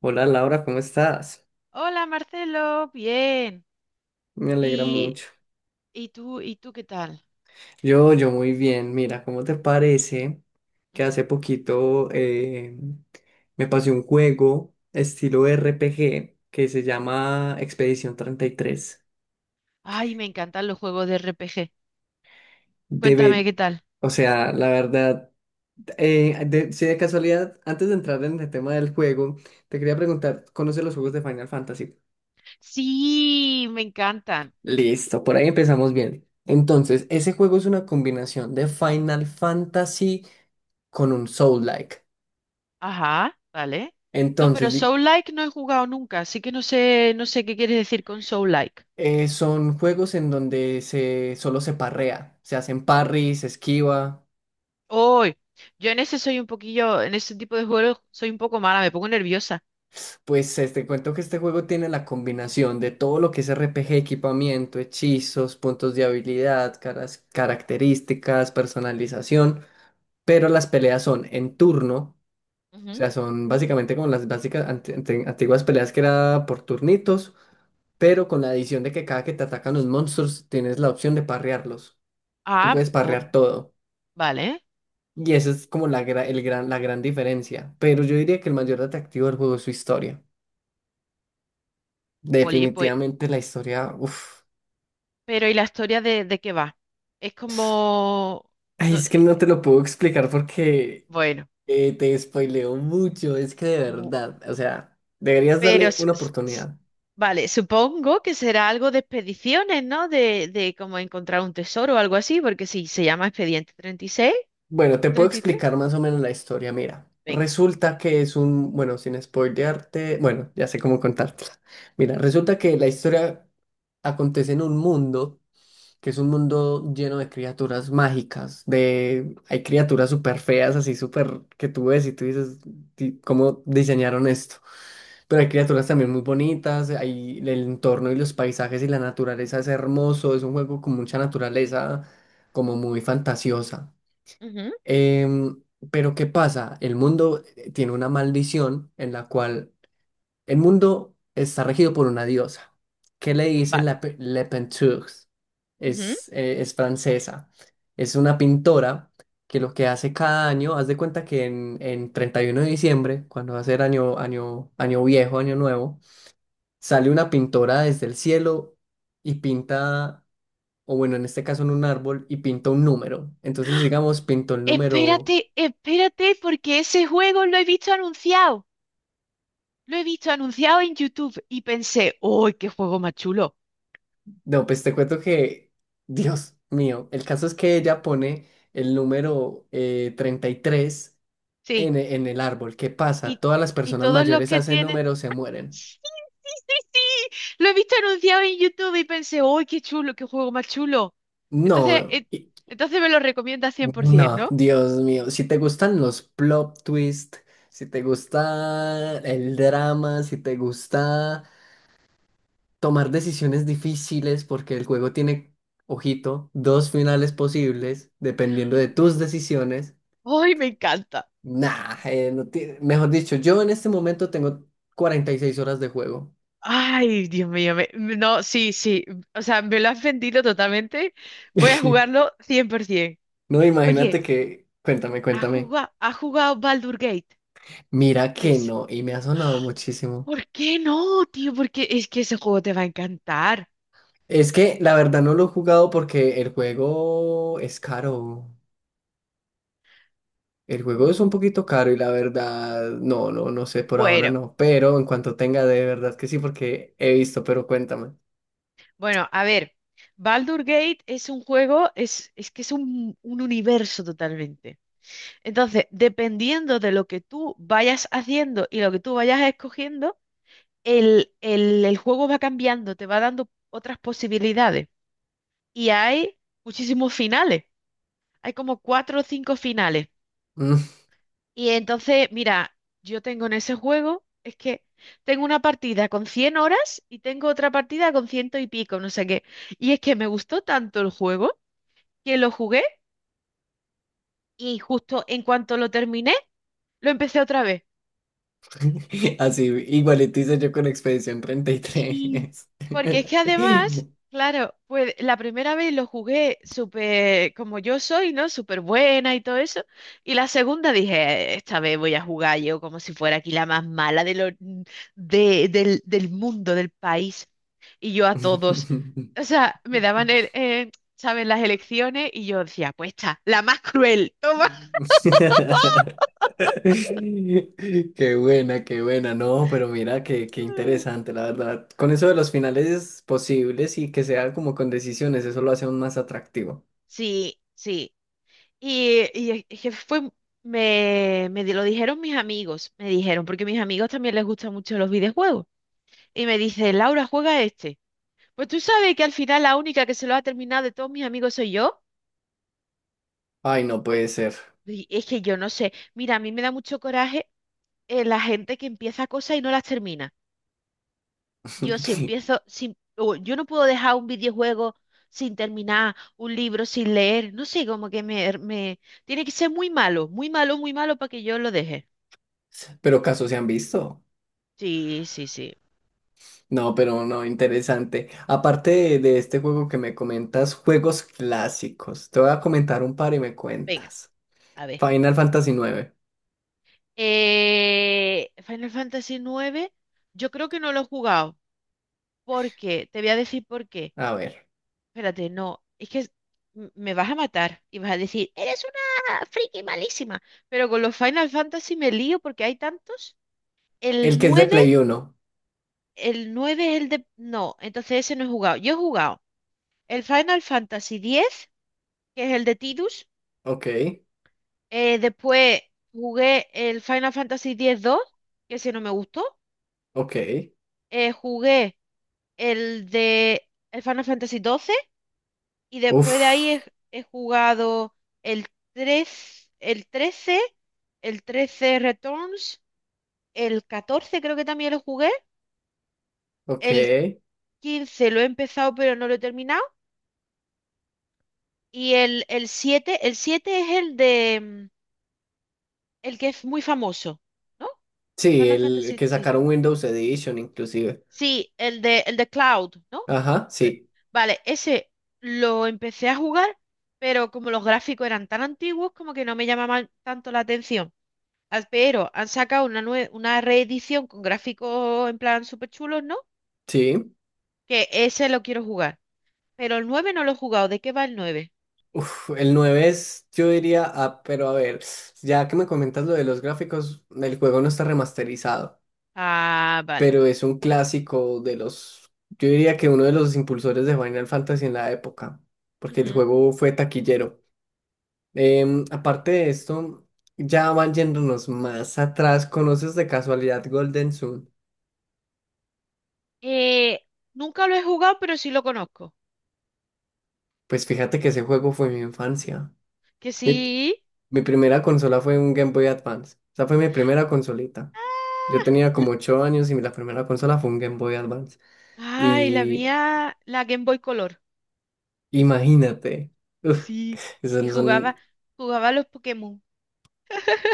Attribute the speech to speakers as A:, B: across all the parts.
A: Hola Laura, ¿cómo estás?
B: Hola Marcelo, bien.
A: Me alegra
B: ¿Y,
A: mucho.
B: y tú qué tal?
A: Yo muy bien. Mira, ¿cómo te parece que hace
B: Ujú.
A: poquito me pasé un juego estilo RPG que se llama Expedición 33?
B: Ay, me encantan los juegos de RPG. Cuéntame
A: Debe,
B: qué tal.
A: la verdad, si de casualidad, antes de entrar en el tema del juego, te quería preguntar, ¿conoces los juegos de Final Fantasy?
B: Sí, me encantan.
A: Listo, por ahí empezamos bien. Entonces, ese juego es una combinación de Final Fantasy con un Soul-like.
B: Ajá, vale. No,
A: Entonces,
B: pero
A: di-
B: Soul-like no he jugado nunca, así que no sé qué quieres decir con Soul-like.
A: son juegos en donde solo se parrea, se hacen parries, se esquiva.
B: Hoy, yo en ese soy un poquillo, en ese tipo de juegos soy un poco mala, me pongo nerviosa.
A: Pues te cuento que este juego tiene la combinación de todo lo que es RPG, equipamiento, hechizos, puntos de habilidad, características, personalización, pero las peleas son en turno. O
B: Ujú.
A: sea, son básicamente como las básicas antiguas peleas que era por turnitos, pero con la adición de que cada que te atacan los monstruos tienes la opción de parrearlos. Tú
B: Ah,
A: puedes parrear todo.
B: vale.
A: Y esa es como la gran diferencia. Pero yo diría que el mayor atractivo del juego es su historia.
B: Oli, pues,
A: Definitivamente la historia, uff.
B: pero ¿y la historia de qué va? Es como.
A: Ay,
B: No,
A: es que no te lo puedo explicar porque
B: bueno,
A: te spoileo mucho. Es que de
B: bu-
A: verdad, o sea, deberías
B: pero
A: darle una oportunidad.
B: vale, supongo que será algo de expediciones, ¿no? De como encontrar un tesoro o algo así, porque si se llama Expediente 36
A: Bueno, te
B: o
A: puedo
B: 33.
A: explicar más o menos la historia. Mira,
B: Venga.
A: resulta que es un, sin spoilearte, bueno, ya sé cómo contártela. Mira, resulta que la historia acontece en un mundo que es un mundo lleno de criaturas mágicas, de hay criaturas súper feas, así súper que tú ves y tú dices, "Di- ¿cómo diseñaron esto? Pero hay criaturas también muy bonitas, hay el entorno y los paisajes y la naturaleza es hermoso, es un juego con mucha naturaleza, como muy fantasiosa.
B: Ujú,
A: Em, pero ¿qué pasa? El mundo tiene una maldición en la cual el mundo está regido por una diosa, que le dicen
B: vale.
A: Le Penteux.
B: Ujú.
A: Es francesa. Es una pintora que lo que hace cada año, haz de cuenta que en 31 de diciembre, cuando va a ser año viejo, año nuevo, sale una pintora desde el cielo y pinta, o bueno, en este caso en un árbol, y pinta un número. Entonces, digamos, pintó el número.
B: Espérate, espérate, porque ese juego lo he visto anunciado. Lo he visto anunciado en YouTube y pensé, ¡uy, qué juego más chulo!
A: No, pues te cuento que, Dios mío, el caso es que ella pone el número 33
B: Sí,
A: en el árbol. ¿Qué pasa?
B: y,
A: Todas las
B: y
A: personas
B: todos los
A: mayores
B: que
A: hacen
B: tienen.
A: números, se mueren.
B: Sí, sí, sí, sí. Lo he visto anunciado en YouTube y pensé, ¡uy, qué chulo, qué juego más chulo! Entonces,
A: No,
B: eh,
A: y-
B: entonces me lo recomienda
A: no,
B: 100%,
A: Dios mío, si te gustan los plot twist, si te gusta el drama, si te gusta tomar decisiones difíciles, porque el juego tiene, ojito, dos finales posibles, dependiendo de tus decisiones.
B: ¿no? ¡Ay, me encanta!
A: Nah, no ti- mejor dicho, yo en este momento tengo 46 horas de juego.
B: Ay, Dios mío, no, sí, sí, o sea, me lo has vendido totalmente. Voy a jugarlo 100%.
A: No, imagínate
B: Oye,
A: que, cuéntame,
B: ¿ha
A: cuéntame.
B: jugado, ha jugado Baldur Gate
A: Mira que
B: tres?
A: no, y me ha sonado muchísimo.
B: ¿Por qué no, tío? Porque es que ese juego te va a encantar.
A: Es que la verdad no lo he jugado porque el juego es caro. El juego es un
B: Mm,
A: poquito caro y la verdad, no sé, por ahora
B: Bueno,
A: no. Pero en cuanto tenga, de verdad que sí, porque he visto, pero cuéntame.
B: bueno, a ver. Baldur Gate es un juego, es que es un universo totalmente. Entonces, dependiendo de lo que tú vayas haciendo y lo que tú vayas escogiendo, el juego va cambiando, te va dando otras posibilidades. Y hay muchísimos finales. Hay como cuatro o cinco finales.
A: Mm,
B: Y entonces, mira, yo tengo en ese juego, es que tengo una partida con 100 horas y tengo otra partida con ciento y pico, no sé qué. Y es que me gustó tanto el juego que lo jugué y justo en cuanto lo terminé, lo empecé otra vez.
A: así, igualito hice yo con Expedición treinta y
B: Sí,
A: tres
B: porque es que además, claro, pues la primera vez lo jugué súper como yo soy, ¿no? Súper buena y todo eso. Y la segunda dije, esta vez voy a jugar yo como si fuera aquí la más mala de lo, de- del, del mundo, del país. Y yo a todos. O sea, me daban, ¿sabes? Las elecciones y yo decía, pues esta, la más cruel, toma.
A: Qué buena, qué buena. No, pero mira, qué interesante, la verdad. Con eso de los finales posibles y que sea como con decisiones, eso lo hace aún más atractivo.
B: Sí, sí. Y es que fue, me lo dijeron mis amigos, me dijeron, porque mis amigos también les gustan mucho los videojuegos. Y me dice, Laura, juega este. Pues tú sabes que al final la única que se lo ha terminado de todos mis amigos soy yo.
A: Ay, no puede
B: Porque,
A: ser.
B: y es que yo no sé. Mira, a mí me da mucho coraje, la gente que empieza cosas y no las termina. Yo si empiezo, sin, o yo no puedo dejar un videojuego sin terminar, un libro sin leer. No sé, como que me tiene que ser muy malo, muy malo, muy malo para que yo lo deje.
A: Pero casos se han visto.
B: Sí, sí, sí.
A: No, pero no, interesante. Aparte de este juego que me comentas, juegos clásicos. Te voy a comentar un par y me
B: Venga,
A: cuentas.
B: a ver.
A: Final Fantasy nueve.
B: Final Fantasy nueve, yo creo que no lo he jugado. ¿Por qué? Te voy a decir por qué.
A: A ver.
B: Espérate, no. Es que me vas a matar y vas a decir, eres una friki malísima. Pero con los Final Fantasy me lío porque hay tantos.
A: El
B: El
A: que es de
B: 9,
A: Play Uno.
B: el 9 es el de. No, entonces ese no he jugado. Yo he jugado el Final Fantasy X, que es el de Tidus.
A: Ok.
B: Después jugué el Final Fantasy X-2, que ese no me gustó.
A: Ok.
B: Jugué el Final Fantasy XII y después de ahí he,
A: Uf.
B: he jugado el el XIII, el XIII Returns, el XIV creo que también lo jugué,
A: Ok.
B: el XV lo he empezado pero no lo he terminado, y el siete es el de el que es muy famoso, ¿no?
A: Sí,
B: Final
A: el
B: Fantasy
A: que
B: siete.
A: sacaron Windows Edition inclusive.
B: Sí, el de Cloud, ¿no?
A: Ajá,
B: Eh, Vale, ese lo empecé a jugar, pero como los gráficos eran tan antiguos, como que no me llamaban tanto la atención. Ah, pero han sacado una reedición con gráficos en plan súper chulos, ¿no?
A: sí.
B: Que ese lo quiero jugar. Pero el 9 no lo he jugado. ¿De qué va el nueve?
A: Uf, el nueve es, yo diría, ah, pero a ver, ya que me comentas lo de los gráficos, el juego no está remasterizado,
B: Ah, vale.
A: pero es un clásico de los, yo diría que uno de los impulsores de Final Fantasy en la época, porque el
B: Ujú.
A: juego fue taquillero. Aparte de esto, ya van yéndonos más atrás, ¿conoces de casualidad Golden Sun?
B: Eh, Nunca lo he jugado, pero sí lo conozco.
A: Pues fíjate que ese juego fue mi infancia.
B: Que
A: Mi,
B: sí.
A: mi primera consola fue un Game Boy Advance. Esa fue mi primera consolita. Yo tenía
B: l-
A: como 8 años y la primera consola fue un Game Boy Advance.
B: Ay, la
A: Y
B: mía, la Game Boy Color.
A: imagínate, uf,
B: Sí,
A: esos
B: y
A: no
B: jugaba,
A: son
B: jugaba a los Pokémon.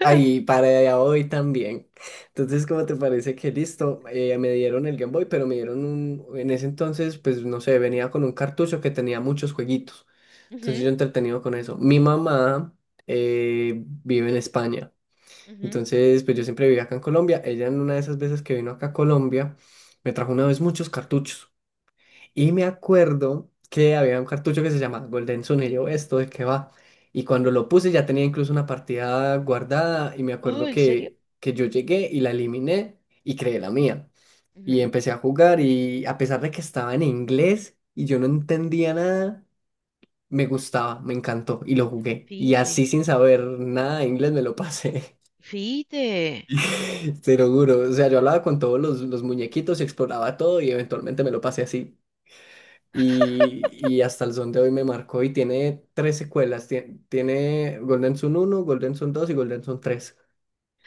A: ahí para hoy también. Entonces, ¿cómo te parece que listo? Me dieron el Game Boy, pero me dieron un, en ese entonces, pues no sé, venía con un cartucho que tenía muchos jueguitos. Entonces
B: Ujú,
A: yo entretenido con eso. Mi mamá eh, vive en España.
B: ujú.
A: Entonces, pues yo siempre viví acá en Colombia. Ella en una de esas veces que vino acá a Colombia, me trajo una vez muchos cartuchos. Y me acuerdo que había un cartucho que se llama Golden Sun. Y yo, ¿esto de qué va? Y cuando lo puse ya tenía incluso una partida guardada. Y me
B: Oh,
A: acuerdo
B: ¿en serio?
A: que yo llegué y la eliminé y creé la mía. Y
B: Ujú.
A: empecé a jugar y a pesar de que estaba en inglés y yo no entendía nada, me gustaba, me encantó y lo jugué. Y
B: Fíjate,
A: así sin saber nada de inglés me lo pasé.
B: fíjate,
A: Te lo juro, o sea, yo hablaba con todos los muñequitos y exploraba todo y eventualmente me lo pasé así. Y hasta el son de hoy me marcó y tiene tres secuelas, tiene Golden Sun uno, Golden Sun 2 y Golden Sun tres.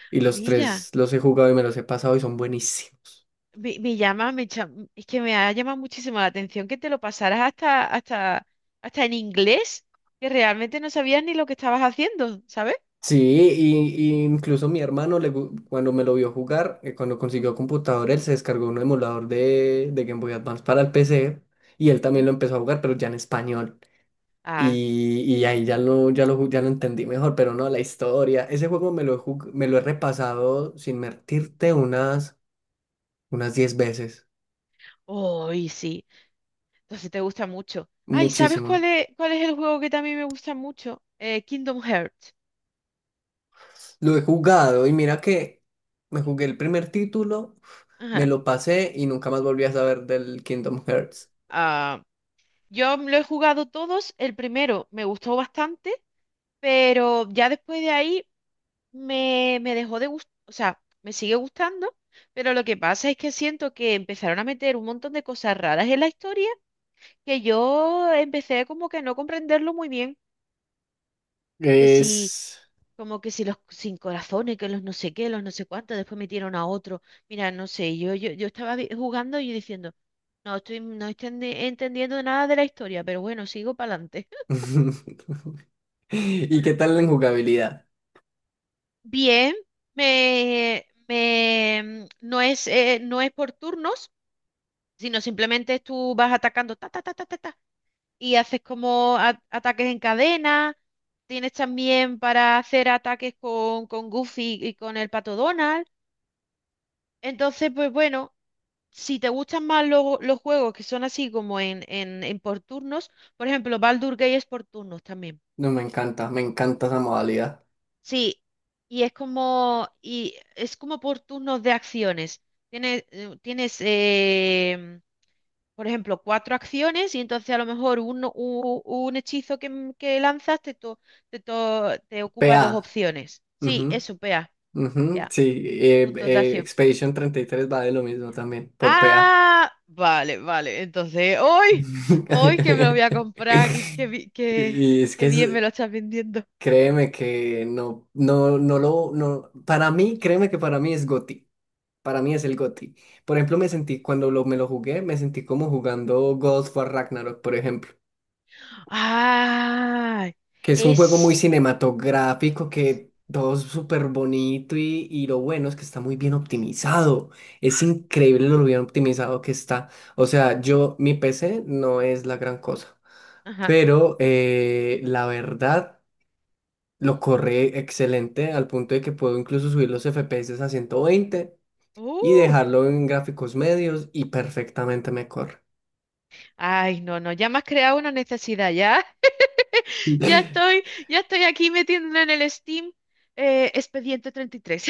A: Y los
B: mira,
A: tres los he jugado y me los he pasado y son buenísimos.
B: me llama, me cha- es que me ha llamado muchísimo la atención que te lo pasaras hasta en inglés, que realmente no sabías ni lo que estabas haciendo, ¿sabes?
A: Sí, y incluso mi hermano cuando me lo vio jugar, cuando consiguió computador, él se descargó un emulador de Game Boy Advance para el PC y él también lo
B: Ujú.
A: empezó a jugar, pero ya en español.
B: Ah,
A: Y ahí ya lo entendí mejor, pero no, la historia. Ese juego me lo he repasado sin mentirte unas, unas 10 veces.
B: hoy sí, entonces te gusta mucho. Ay, ¿sabes cuál
A: Muchísimo.
B: es, cuál es el juego que también me gusta mucho? Kingdom Hearts.
A: Lo he jugado y mira que me jugué el primer título, me
B: Ajá.
A: lo pasé y nunca más volví a saber del Kingdom Hearts.
B: Ah. Yo lo he jugado todos, el primero me gustó bastante, pero ya después de ahí me dejó de gustar, o sea, me sigue gustando, pero lo que pasa es que siento que empezaron a meter un montón de cosas raras en la historia que yo empecé como que a no comprenderlo muy bien, que si,
A: Es...
B: como que si los sin corazones, que los no sé qué, los no sé cuántos, después metieron a otro, mira, no sé, yo estaba jugando y diciendo, no estoy entendiendo nada de la historia, pero bueno, sigo para adelante.
A: ¿Y qué tal en jugabilidad?
B: Bien, no es por turnos, sino simplemente tú vas atacando ta, ta, ta, ta, ta, ta, y haces como ataques en cadena. Tienes también para hacer ataques con Goofy y con el Pato Donald. Entonces, pues bueno, si te gustan más los juegos que son así como en, en por turnos, por ejemplo, Baldur Gate es por turnos también.
A: No, me encanta esa modalidad.
B: Sí, y es como, es como por turnos de acciones. Tienes, por ejemplo, cuatro acciones y entonces a lo mejor un, hechizo que lanzas te ocupa
A: PA.
B: dos opciones. Sí, eso, pea,
A: Ujú,
B: pea,
A: sí,
B: puntos de acción.
A: Expedition 33 va de lo mismo también, por PA.
B: Ah, vale, vale. Entonces, hoy, hoy que me lo voy a comprar, que, que, bi- que-
A: Y es que
B: que bien
A: es-
B: me lo estás vendiendo.
A: créeme que no, no, no lo, no, para mí, créeme que para mí es GOTY. Para mí es el GOTY. Por ejemplo, me sentí, me lo jugué, me sentí como jugando God of War Ragnarok, por ejemplo.
B: Ah,
A: Que es un juego muy
B: es.
A: cinematográfico, que todo es súper bonito y lo bueno es que está muy bien optimizado. Es increíble lo bien optimizado que está. O sea, yo, mi PC no es la gran cosa, pero la verdad lo corre excelente al punto de que puedo incluso subir los FPS a 120 y
B: Uh,
A: dejarlo en gráficos medios y perfectamente me corre.
B: Ay, no, no, ya me has creado una necesidad, ya, ya estoy, ya estoy aquí metiéndolo en el Steam, Expediente 33.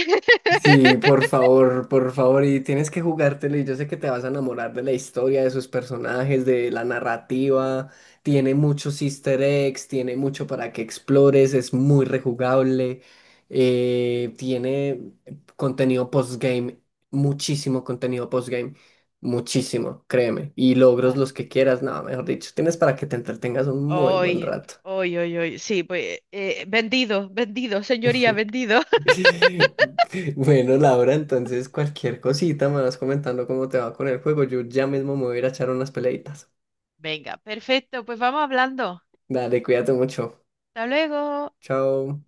A: Sí, por favor, y tienes que jugártelo y yo sé que te vas a enamorar de la historia, de sus personajes, de la narrativa, tiene muchos easter eggs, tiene mucho para que explores, es muy rejugable, tiene contenido postgame, contenido postgame, muchísimo, créeme, y logros
B: Vale.
A: los que quieras, nada, mejor dicho, tienes para que te entretengas un muy buen
B: Hoy,
A: rato.
B: hoy, hoy, hoy, sí, pues vendido, vendido, señoría, vendido.
A: Bueno, Laura, entonces cualquier cosita me vas comentando cómo te va con el juego. Yo ya mismo me voy a ir a echar unas peleitas.
B: Venga, perfecto, pues vamos hablando.
A: Dale, cuídate mucho.
B: Hasta luego.
A: Chao.